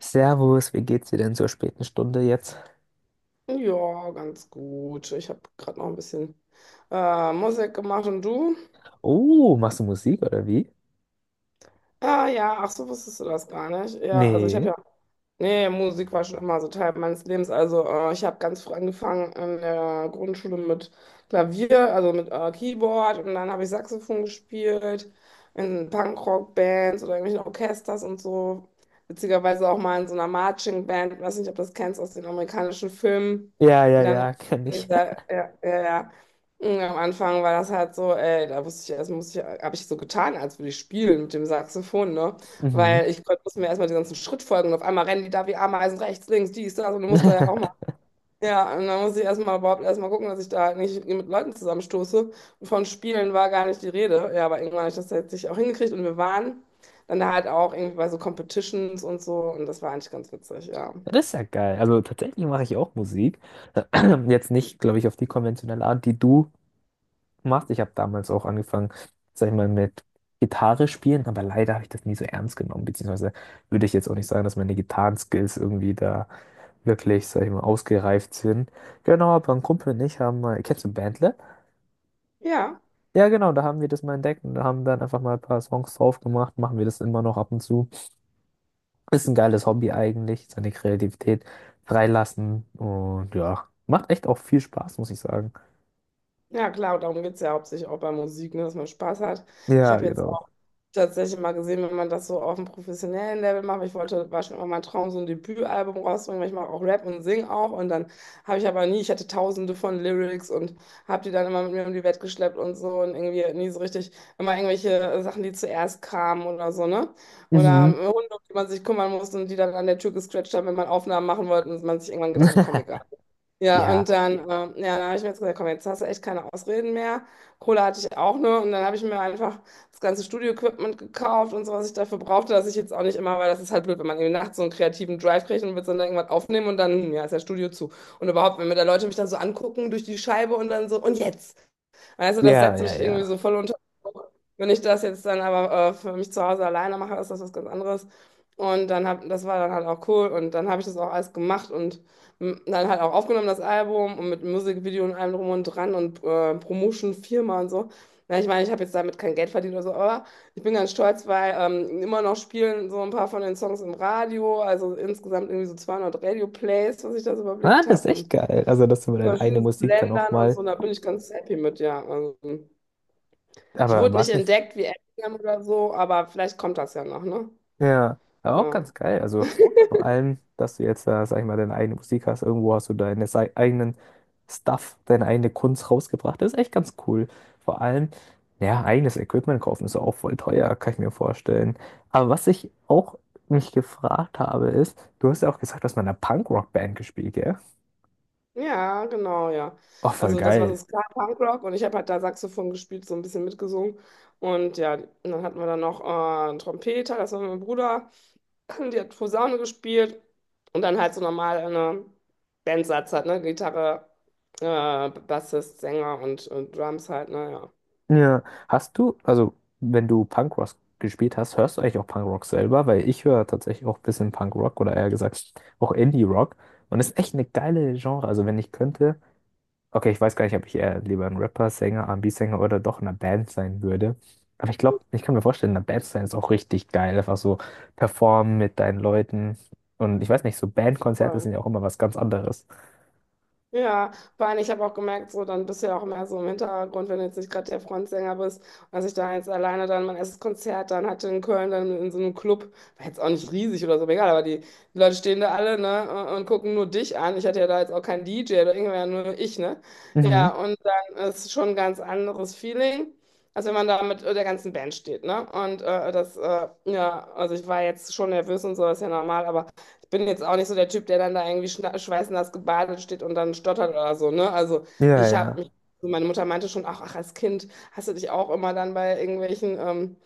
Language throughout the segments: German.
Servus, wie geht's dir denn zur späten Stunde jetzt? Ja, ganz gut. Ich habe gerade noch ein bisschen Musik gemacht und du? Oh, machst du Musik oder wie? Ah ja, ach so, wusstest du das gar nicht. Ja, also ich habe Nee. ja. Nee, Musik war schon immer so Teil meines Lebens. Also ich habe ganz früh angefangen in der Grundschule mit Klavier, also mit Keyboard und dann habe ich Saxophon gespielt in Punkrock-Bands oder irgendwelchen Orchesters und so. Witzigerweise auch mal in so einer Marching-Band, weiß nicht, ob du das kennst aus den amerikanischen Filmen, Ja, ja, die dann ja, kenn in ich. dieser, ja, ja, ja. Und am Anfang war das halt so, ey, da wusste ich erst, muss ich, habe ich so getan, als würde ich spielen mit dem Saxophon, ne? Mhm. Weil ich Gott, musste mir erstmal den ganzen Schritt folgen und auf einmal rennen die da wie Ameisen rechts, links, dies, das und du musst da ja auch mal. Ja, und dann musste ich erstmal überhaupt erstmal gucken, dass ich da halt nicht mit Leuten zusammenstoße. Und von Spielen war gar nicht die Rede. Ja, aber irgendwann habe ich das letztlich auch hingekriegt und wir waren dann da halt auch irgendwie bei so Competitions und so und das war eigentlich ganz witzig, ja. Das ist ja geil. Also tatsächlich mache ich auch Musik. Jetzt nicht, glaube ich, auf die konventionelle Art, die du machst. Ich habe damals auch angefangen, sag ich mal, mit Gitarre spielen, aber leider habe ich das nie so ernst genommen, beziehungsweise würde ich jetzt auch nicht sagen, dass meine Gitarrenskills irgendwie da wirklich, sag ich mal, ausgereift sind. Genau, aber ein Kumpel und ich haben mal, kennst du Bandle? Ja. Ja, genau, da haben wir das mal entdeckt und da haben dann einfach mal ein paar Songs drauf gemacht, machen wir das immer noch ab und zu. Ist ein geiles Hobby eigentlich, seine Kreativität freilassen und ja, macht echt auch viel Spaß, muss ich sagen. Ja, klar, darum geht es ja hauptsächlich auch bei Musik, ne, dass man Spaß hat. Ich Ja, habe jetzt genau. auch tatsächlich mal gesehen, wenn man das so auf einem professionellen Level macht, weil ich wollte, war schon immer mein Traum, so ein Debütalbum rauszubringen, weil ich mache auch Rap und singe auch. Und dann habe ich aber nie, ich hatte tausende von Lyrics und habe die dann immer mit mir um die Welt geschleppt und so und irgendwie nie so richtig, immer irgendwelche Sachen, die zuerst kamen oder so, ne? Oder Mhm. Hunde, um die man sich kümmern musste und die dann an der Tür gescratcht haben, wenn man Aufnahmen machen wollte und man sich irgendwann gedacht hat, komm, egal. Ja, Ja, und dann, ja, dann habe ich mir jetzt gesagt, komm, jetzt hast du echt keine Ausreden mehr. Kohle hatte ich auch nur und dann habe ich mir einfach das ganze Studio-Equipment gekauft und so, was ich dafür brauchte, dass ich jetzt auch nicht immer, weil das ist halt blöd, wenn man irgendwie nachts so einen kreativen Drive kriegt und will dann irgendwas aufnehmen und dann, ja, ist ja Studio zu. Und überhaupt, wenn mir da Leute mich dann so angucken durch die Scheibe und dann so, und jetzt? Weißt du, das ja, setzt ja, mich irgendwie ja. so voll unter Druck. Wenn ich das jetzt dann aber für mich zu Hause alleine mache, ist das was ganz anderes. Und dann das war dann halt auch cool. Und dann habe ich das auch alles gemacht und dann halt auch aufgenommen, das Album und mit Musikvideo und allem drum und dran und Promotion-Firma und so. Na, ich meine, ich habe jetzt damit kein Geld verdient oder so, aber ich bin ganz stolz, weil immer noch spielen so ein paar von den Songs im Radio, also insgesamt irgendwie so 200 Radio-Plays, was ich das Ah, überblickt das ist habe. echt Und geil. Also, dass du ja, deine aus eigene Musik dann auch Ländern und mal, so, da bin ich ganz happy mit, ja. Also, ich aber wurde war nicht es nicht. entdeckt wie Eminem oder so, aber vielleicht kommt das ja noch, ne? Ja, aber auch Ja. ganz geil. Also vor allem, dass du jetzt, sag ich mal, deine eigene Musik hast. Irgendwo hast du deine eigenen Stuff, deine eigene Kunst rausgebracht. Das ist echt ganz cool. Vor allem, ja, eigenes Equipment kaufen ist auch voll teuer, kann ich mir vorstellen. Aber was ich auch mich gefragt habe, ist, du hast ja auch gesagt, du hast mal in einer Punk-Rock-Band gespielt, ja? Ja, genau, ja. Oh, voll Also das war so geil. Ska Punkrock und ich habe halt da Saxophon gespielt, so ein bisschen mitgesungen. Und ja, und dann hatten wir dann noch einen Trompeter, das war mein Bruder, die hat Posaune gespielt und dann halt so normal eine Bandsatz halt, ne? Gitarre, Bassist, Sänger und Drums halt, ne? Ja. Ja, hast du, also wenn du Punkrock gespielt hast, hörst du eigentlich auch Punkrock selber? Weil ich höre tatsächlich auch ein bisschen Punkrock oder eher gesagt auch Indie-Rock. Und ist echt eine geile Genre. Also wenn ich könnte, okay, ich weiß gar nicht, ob ich eher lieber ein Rapper, Sänger, R&B-Sänger oder doch in einer Band sein würde. Aber ich glaube, ich kann mir vorstellen, in einer Band sein ist auch richtig geil. Einfach so performen mit deinen Leuten. Und ich weiß nicht, so Bandkonzerte Voll. sind ja auch immer was ganz anderes. Ja, vor allem, ich habe auch gemerkt, so dann bist du ja auch mehr so im Hintergrund, wenn du jetzt nicht gerade der Frontsänger bist. Und als ich da jetzt alleine dann mein erstes Konzert dann hatte in Köln, dann in so einem Club, war jetzt auch nicht riesig oder so, aber egal, aber die Leute stehen da alle, ne, und gucken nur dich an. Ich hatte ja da jetzt auch keinen DJ oder irgendwer, nur ich, ne? Ja, Mhm. und dann ist schon ein ganz anderes Feeling, als wenn man da mit der ganzen Band steht, ne? Und ja, also ich war jetzt schon nervös und so, ist ja normal, aber bin jetzt auch nicht so der Typ, der dann da irgendwie schweißnass gebadet steht und dann stottert oder so, ne? Also Ja, ich habe ja. mich, so meine Mutter meinte schon, ach, ach, als Kind hast du dich auch immer dann bei irgendwelchen, ähm,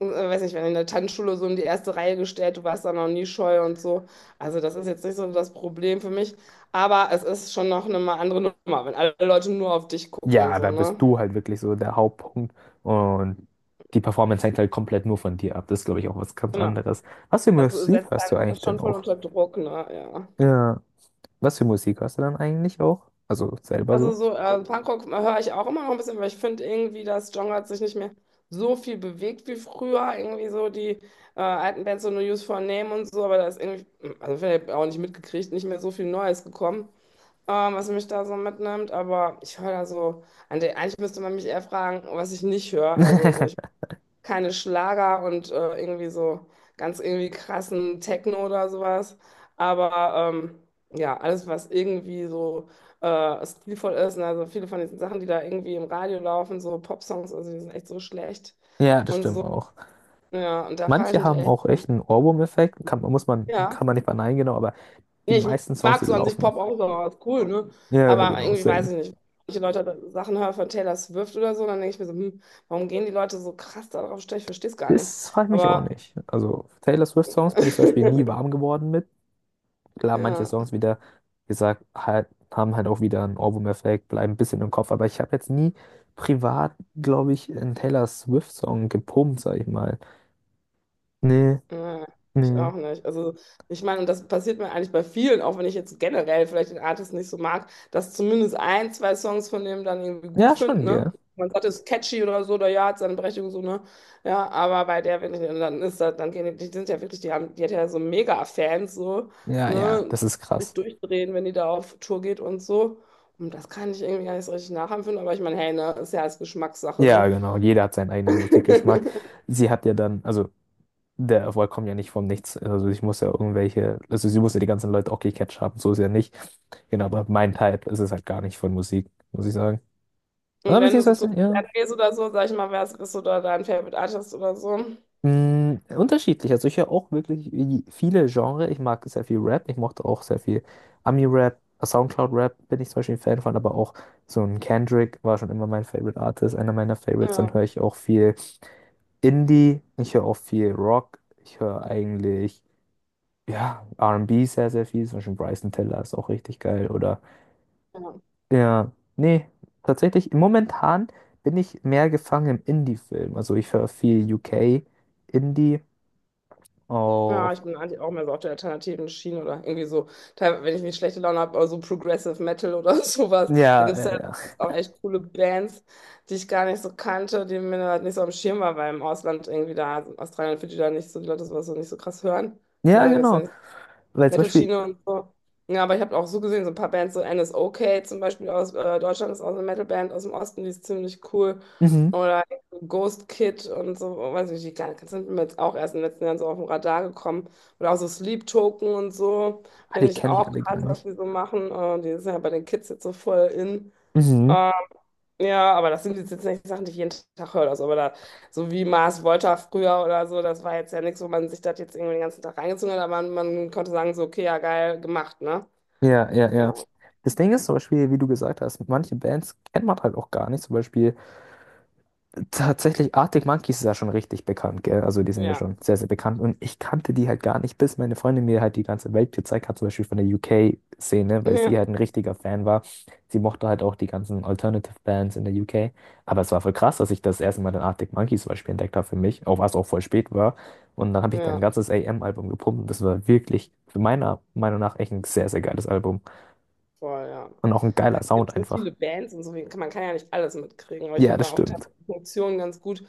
äh, weiß nicht, wenn in der Tanzschule so in die erste Reihe gestellt, du warst da noch nie scheu und so. Also das ist jetzt nicht so das Problem für mich, aber es ist schon noch eine mal andere Nummer, wenn alle Leute nur auf dich gucken, Ja, so, da bist ne? du halt wirklich so der Hauptpunkt und die Performance hängt halt komplett nur von dir ab. Das ist, glaube ich, auch was ganz Genau. anderes. Was für Das Musik setzt hörst du einen eigentlich denn schon voll auch? unter Druck, ne? Ja. Ja, was für Musik hörst du dann eigentlich auch? Also selber Also so? so Punkrock höre ich auch immer noch ein bisschen, weil ich finde irgendwie, das Genre hat sich nicht mehr so viel bewegt wie früher. Irgendwie so die alten Bands, so No Use for a Name und so, aber da ist irgendwie, also vielleicht auch nicht mitgekriegt, nicht mehr so viel Neues gekommen, was mich da so mitnimmt. Aber ich höre da so, eigentlich müsste man mich eher fragen, was ich nicht höre. Also so, ich keine Schlager und irgendwie so ganz irgendwie krassen Techno oder sowas. Aber ja, alles, was irgendwie so stilvoll ist, ne, also viele von diesen Sachen, die da irgendwie im Radio laufen, so Popsongs, also die sind echt so schlecht Ja, das und stimmt so. auch. Ja, und da frage ich Manche mich haben echt, auch ja. echt einen Ohrwurm-Effekt. Kann, muss man, kann Ja, man nicht verneinen, genau, aber die nee, ich meisten Songs, mag die so an sich laufen. Pop auch, so, ist cool, ne? Ja, ja, Aber genau, irgendwie weiß same. ich nicht. Manche Leute Sachen hören von Taylor Swift oder so, dann denke ich mir so, warum gehen die Leute so krass darauf steil? Ich verstehe es gar nicht. Das frage ich mich auch Aber nicht. Also Taylor Swift-Songs bin ich zum Beispiel nie warm geworden mit. Klar, manche ja, Songs wieder gesagt halt, haben halt auch wieder einen Ohrwurm-Effekt, bleiben ein bisschen im Kopf, aber ich habe jetzt nie privat, glaube ich, einen Taylor Swift-Song gepumpt, sag ich mal. Nee, ja, ich auch nee. nicht. Also ich meine, und das passiert mir eigentlich bei vielen, auch wenn ich jetzt generell vielleicht den Artist nicht so mag, dass zumindest ein, zwei Songs von dem dann irgendwie gut Ja, find, schon, ne? gell? Man sagt, es ist catchy oder so, oder ja, hat seine Berechtigung so, ne? Ja, aber bei der wirklich, und dann ist das, dann gehen die, die sind ja wirklich, die haben, die hat ja so Mega-Fans, so, Ja, ja, ne? das ist Die sich krass. durchdrehen, wenn die da auf Tour geht und so. Und das kann ich irgendwie gar nicht so richtig nachempfinden, aber ich meine, hey, ne, ist ja alles Geschmackssache, Ja, so. genau. Jeder hat seinen eigenen Musikgeschmack. Sie hat ja dann, also der Erfolg kommt ja nicht vom Nichts. Also ich muss ja irgendwelche, also sie muss ja die ganzen Leute auch gecatcht haben, so ist ja nicht. Genau, aber mein Type ist es halt gar nicht von Musik, muss ich sagen. Und Ah, wenn du so beziehungsweise, zu ja. Konzerten gehst oder so, sag ich mal, wer es ist oder dein Favorite Artist oder so. Unterschiedlich. Also ich höre auch wirklich wie viele Genres. Ich mag sehr viel Rap. Ich mochte auch sehr viel Ami-Rap, Soundcloud-Rap bin ich zum Beispiel ein Fan von, aber auch so ein Kendrick war schon immer mein Favorite Artist, einer meiner Favorites. Dann Ja, höre ich auch viel Indie. Ich höre auch viel Rock. Ich höre eigentlich, ja, R&B sehr, sehr viel. Zum Beispiel Bryson Tiller ist auch richtig geil. Oder, ja. ja, nee, tatsächlich, momentan bin ich mehr gefangen im Indie-Film. Also ich höre viel UK Indie. Ja, Auch. ich bin eigentlich auch mehr so auf der alternativen Schiene oder irgendwie so, teilweise, wenn ich nicht schlechte Laune habe, aber so Progressive Metal oder sowas. Da Ja, gibt es ja, ja ja. auch echt coole Bands, die ich gar nicht so kannte, die mir halt nicht so am Schirm war, weil im Ausland irgendwie da, Australien und Fidschi da nicht so, die Leute sowas so nicht so krass hören. Ja, Da gibt es ja genau. Weil zum Beispiel, Metal-Schiene und so. Ja, aber ich habe auch so gesehen, so ein paar Bands, so NSOK zum Beispiel aus Deutschland ist auch so eine Metal-Band aus dem Osten, die ist ziemlich cool. mhm. Oder Ghost Kid und so, weiß nicht, die kleinen Kids sind mir jetzt auch erst in den letzten Jahren so auf dem Radar gekommen. Oder auch so Sleep Token und so, Ah, die finde ich kenne ich auch alle gar krass, was nicht. die so machen. Die sind ja bei den Kids jetzt so voll in. Mhm. Äh, ja, aber das sind jetzt nicht Sachen, die ich jeden Tag höre. Also. Aber da, so wie Mars Volta früher oder so, das war jetzt ja nichts, wo man sich das jetzt irgendwie den ganzen Tag reingezogen hat, aber man konnte sagen, so, okay, ja, geil gemacht, ne? Ja, ja, ja. Ja, Das Ding ist zum Beispiel, wie du gesagt hast, manche Bands kennt man halt auch gar nicht. Zum Beispiel tatsächlich, Arctic Monkeys ist ja schon richtig bekannt, gell? Also die sind ja ja, schon sehr, sehr bekannt. Und ich kannte die halt gar nicht, bis meine Freundin mir halt die ganze Welt gezeigt hat, zum Beispiel von der UK-Szene, weil sie ja, halt ein richtiger Fan war. Sie mochte halt auch die ganzen Alternative-Bands in der UK. Aber es war voll krass, dass ich das erste Mal den Arctic Monkeys zum Beispiel entdeckt habe für mich, auch was auch voll spät war. Und dann habe ich dann ein ja. ganzes AM-Album gepumpt und das war wirklich, für meiner Meinung nach, echt ein sehr, sehr geiles Album. Voll, ja. Und auch ein Ja, geiler es gibt Sound so einfach. viele Bands und so, man kann ja nicht alles mitkriegen, aber ich Ja, finde das auch stimmt. teilweise Funktionen ganz gut,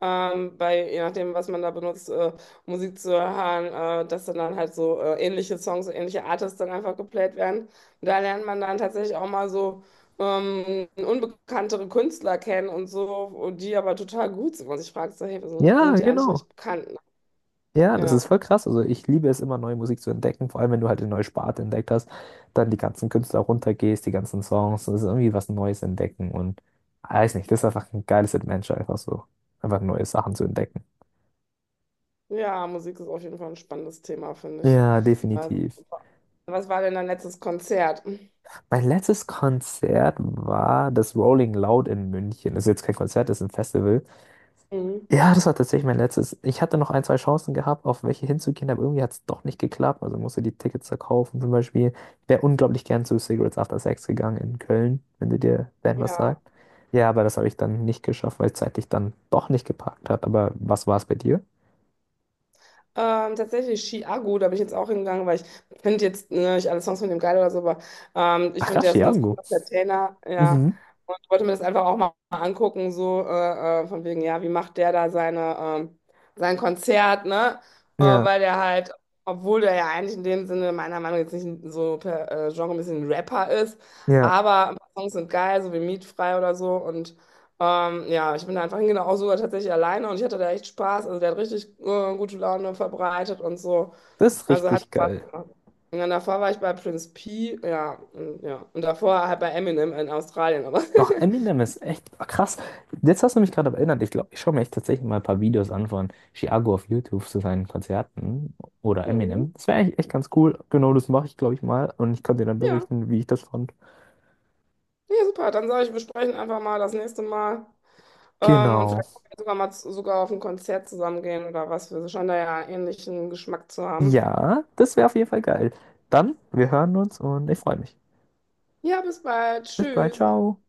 bei, je nachdem, was man da benutzt, Musik zu hören, dass dann halt so ähnliche Songs, ähnliche Artists dann einfach geplayt werden. Und da lernt man dann tatsächlich auch mal so unbekanntere Künstler kennen und so, und die aber total gut sind. Und ich frage so, hey, sind, Ja, sind die eigentlich genau. nicht bekannt? Ja, das Ja. ist voll krass. Also ich liebe es immer, neue Musik zu entdecken, vor allem wenn du halt eine neue Sparte entdeckt hast, dann die ganzen Künstler runtergehst, die ganzen Songs, das ist irgendwie was Neues entdecken und weiß nicht, das ist einfach ein geiles Adventure, einfach so, einfach neue Sachen zu entdecken. Ja, Musik ist auf jeden Fall ein spannendes Thema, finde ich. Ja, Also, definitiv. was war denn dein letztes Konzert? Mein letztes Konzert war das Rolling Loud in München. Das ist jetzt kein Konzert, das ist ein Festival. Mhm. Ja, das war tatsächlich mein letztes. Ich hatte noch ein, zwei Chancen gehabt, auf welche hinzugehen, aber irgendwie hat es doch nicht geklappt. Also musste die Tickets verkaufen. Zum Beispiel, ich wäre unglaublich gern zu Cigarettes After Sex gegangen in Köln, wenn du dir Band was Ja. sagt. Ja, aber das habe ich dann nicht geschafft, weil es zeitlich dann doch nicht gepackt hat. Aber was war es bei dir? Tatsächlich Chiago, da bin ich jetzt auch hingegangen, weil ich finde jetzt ne, nicht alle Songs von dem geil oder so, aber ich finde, Ach, der ist ein ganz Chiango. cooler Entertainer, ja. Mhm. Und ich wollte mir das einfach auch mal angucken, so von wegen, ja, wie macht der da sein Konzert, ne? Ja, Weil der halt, obwohl der ja eigentlich in dem Sinne meiner Meinung nach jetzt nicht so per Genre ein bisschen ein Rapper ist, ja. aber ein paar Songs sind geil, so wie Mietfrei oder so und ja, ich bin da einfach hingegangen, auch sogar tatsächlich alleine und ich hatte da echt Spaß. Also der hat richtig gute Laune verbreitet und so. Das ist Also hat richtig Spaß geil. gemacht. Und dann davor war ich bei Prince P, ja, und, ja. Und davor halt bei Eminem in Australien, aber. Ach, Eminem ist echt krass. Jetzt hast du mich gerade erinnert. Ich glaube, ich schaue mir echt tatsächlich mal ein paar Videos an von Chiago auf YouTube zu seinen Konzerten oder Mhm. Eminem. Das wäre eigentlich echt ganz cool. Genau, das mache ich, glaube ich, mal. Und ich kann dir dann Ja, berichten, wie ich das fand. ja, super. Dann sage ich, wir sprechen einfach mal das nächste Mal. Und Genau. vielleicht können wir sogar mal sogar auf ein Konzert zusammen gehen oder was. Wir scheinen da ja ähnlichen Geschmack zu haben. Ja, das wäre auf jeden Fall geil. Dann, wir hören uns und ich freue mich. Ja, bis bald. Bis bald, Tschüss. ciao.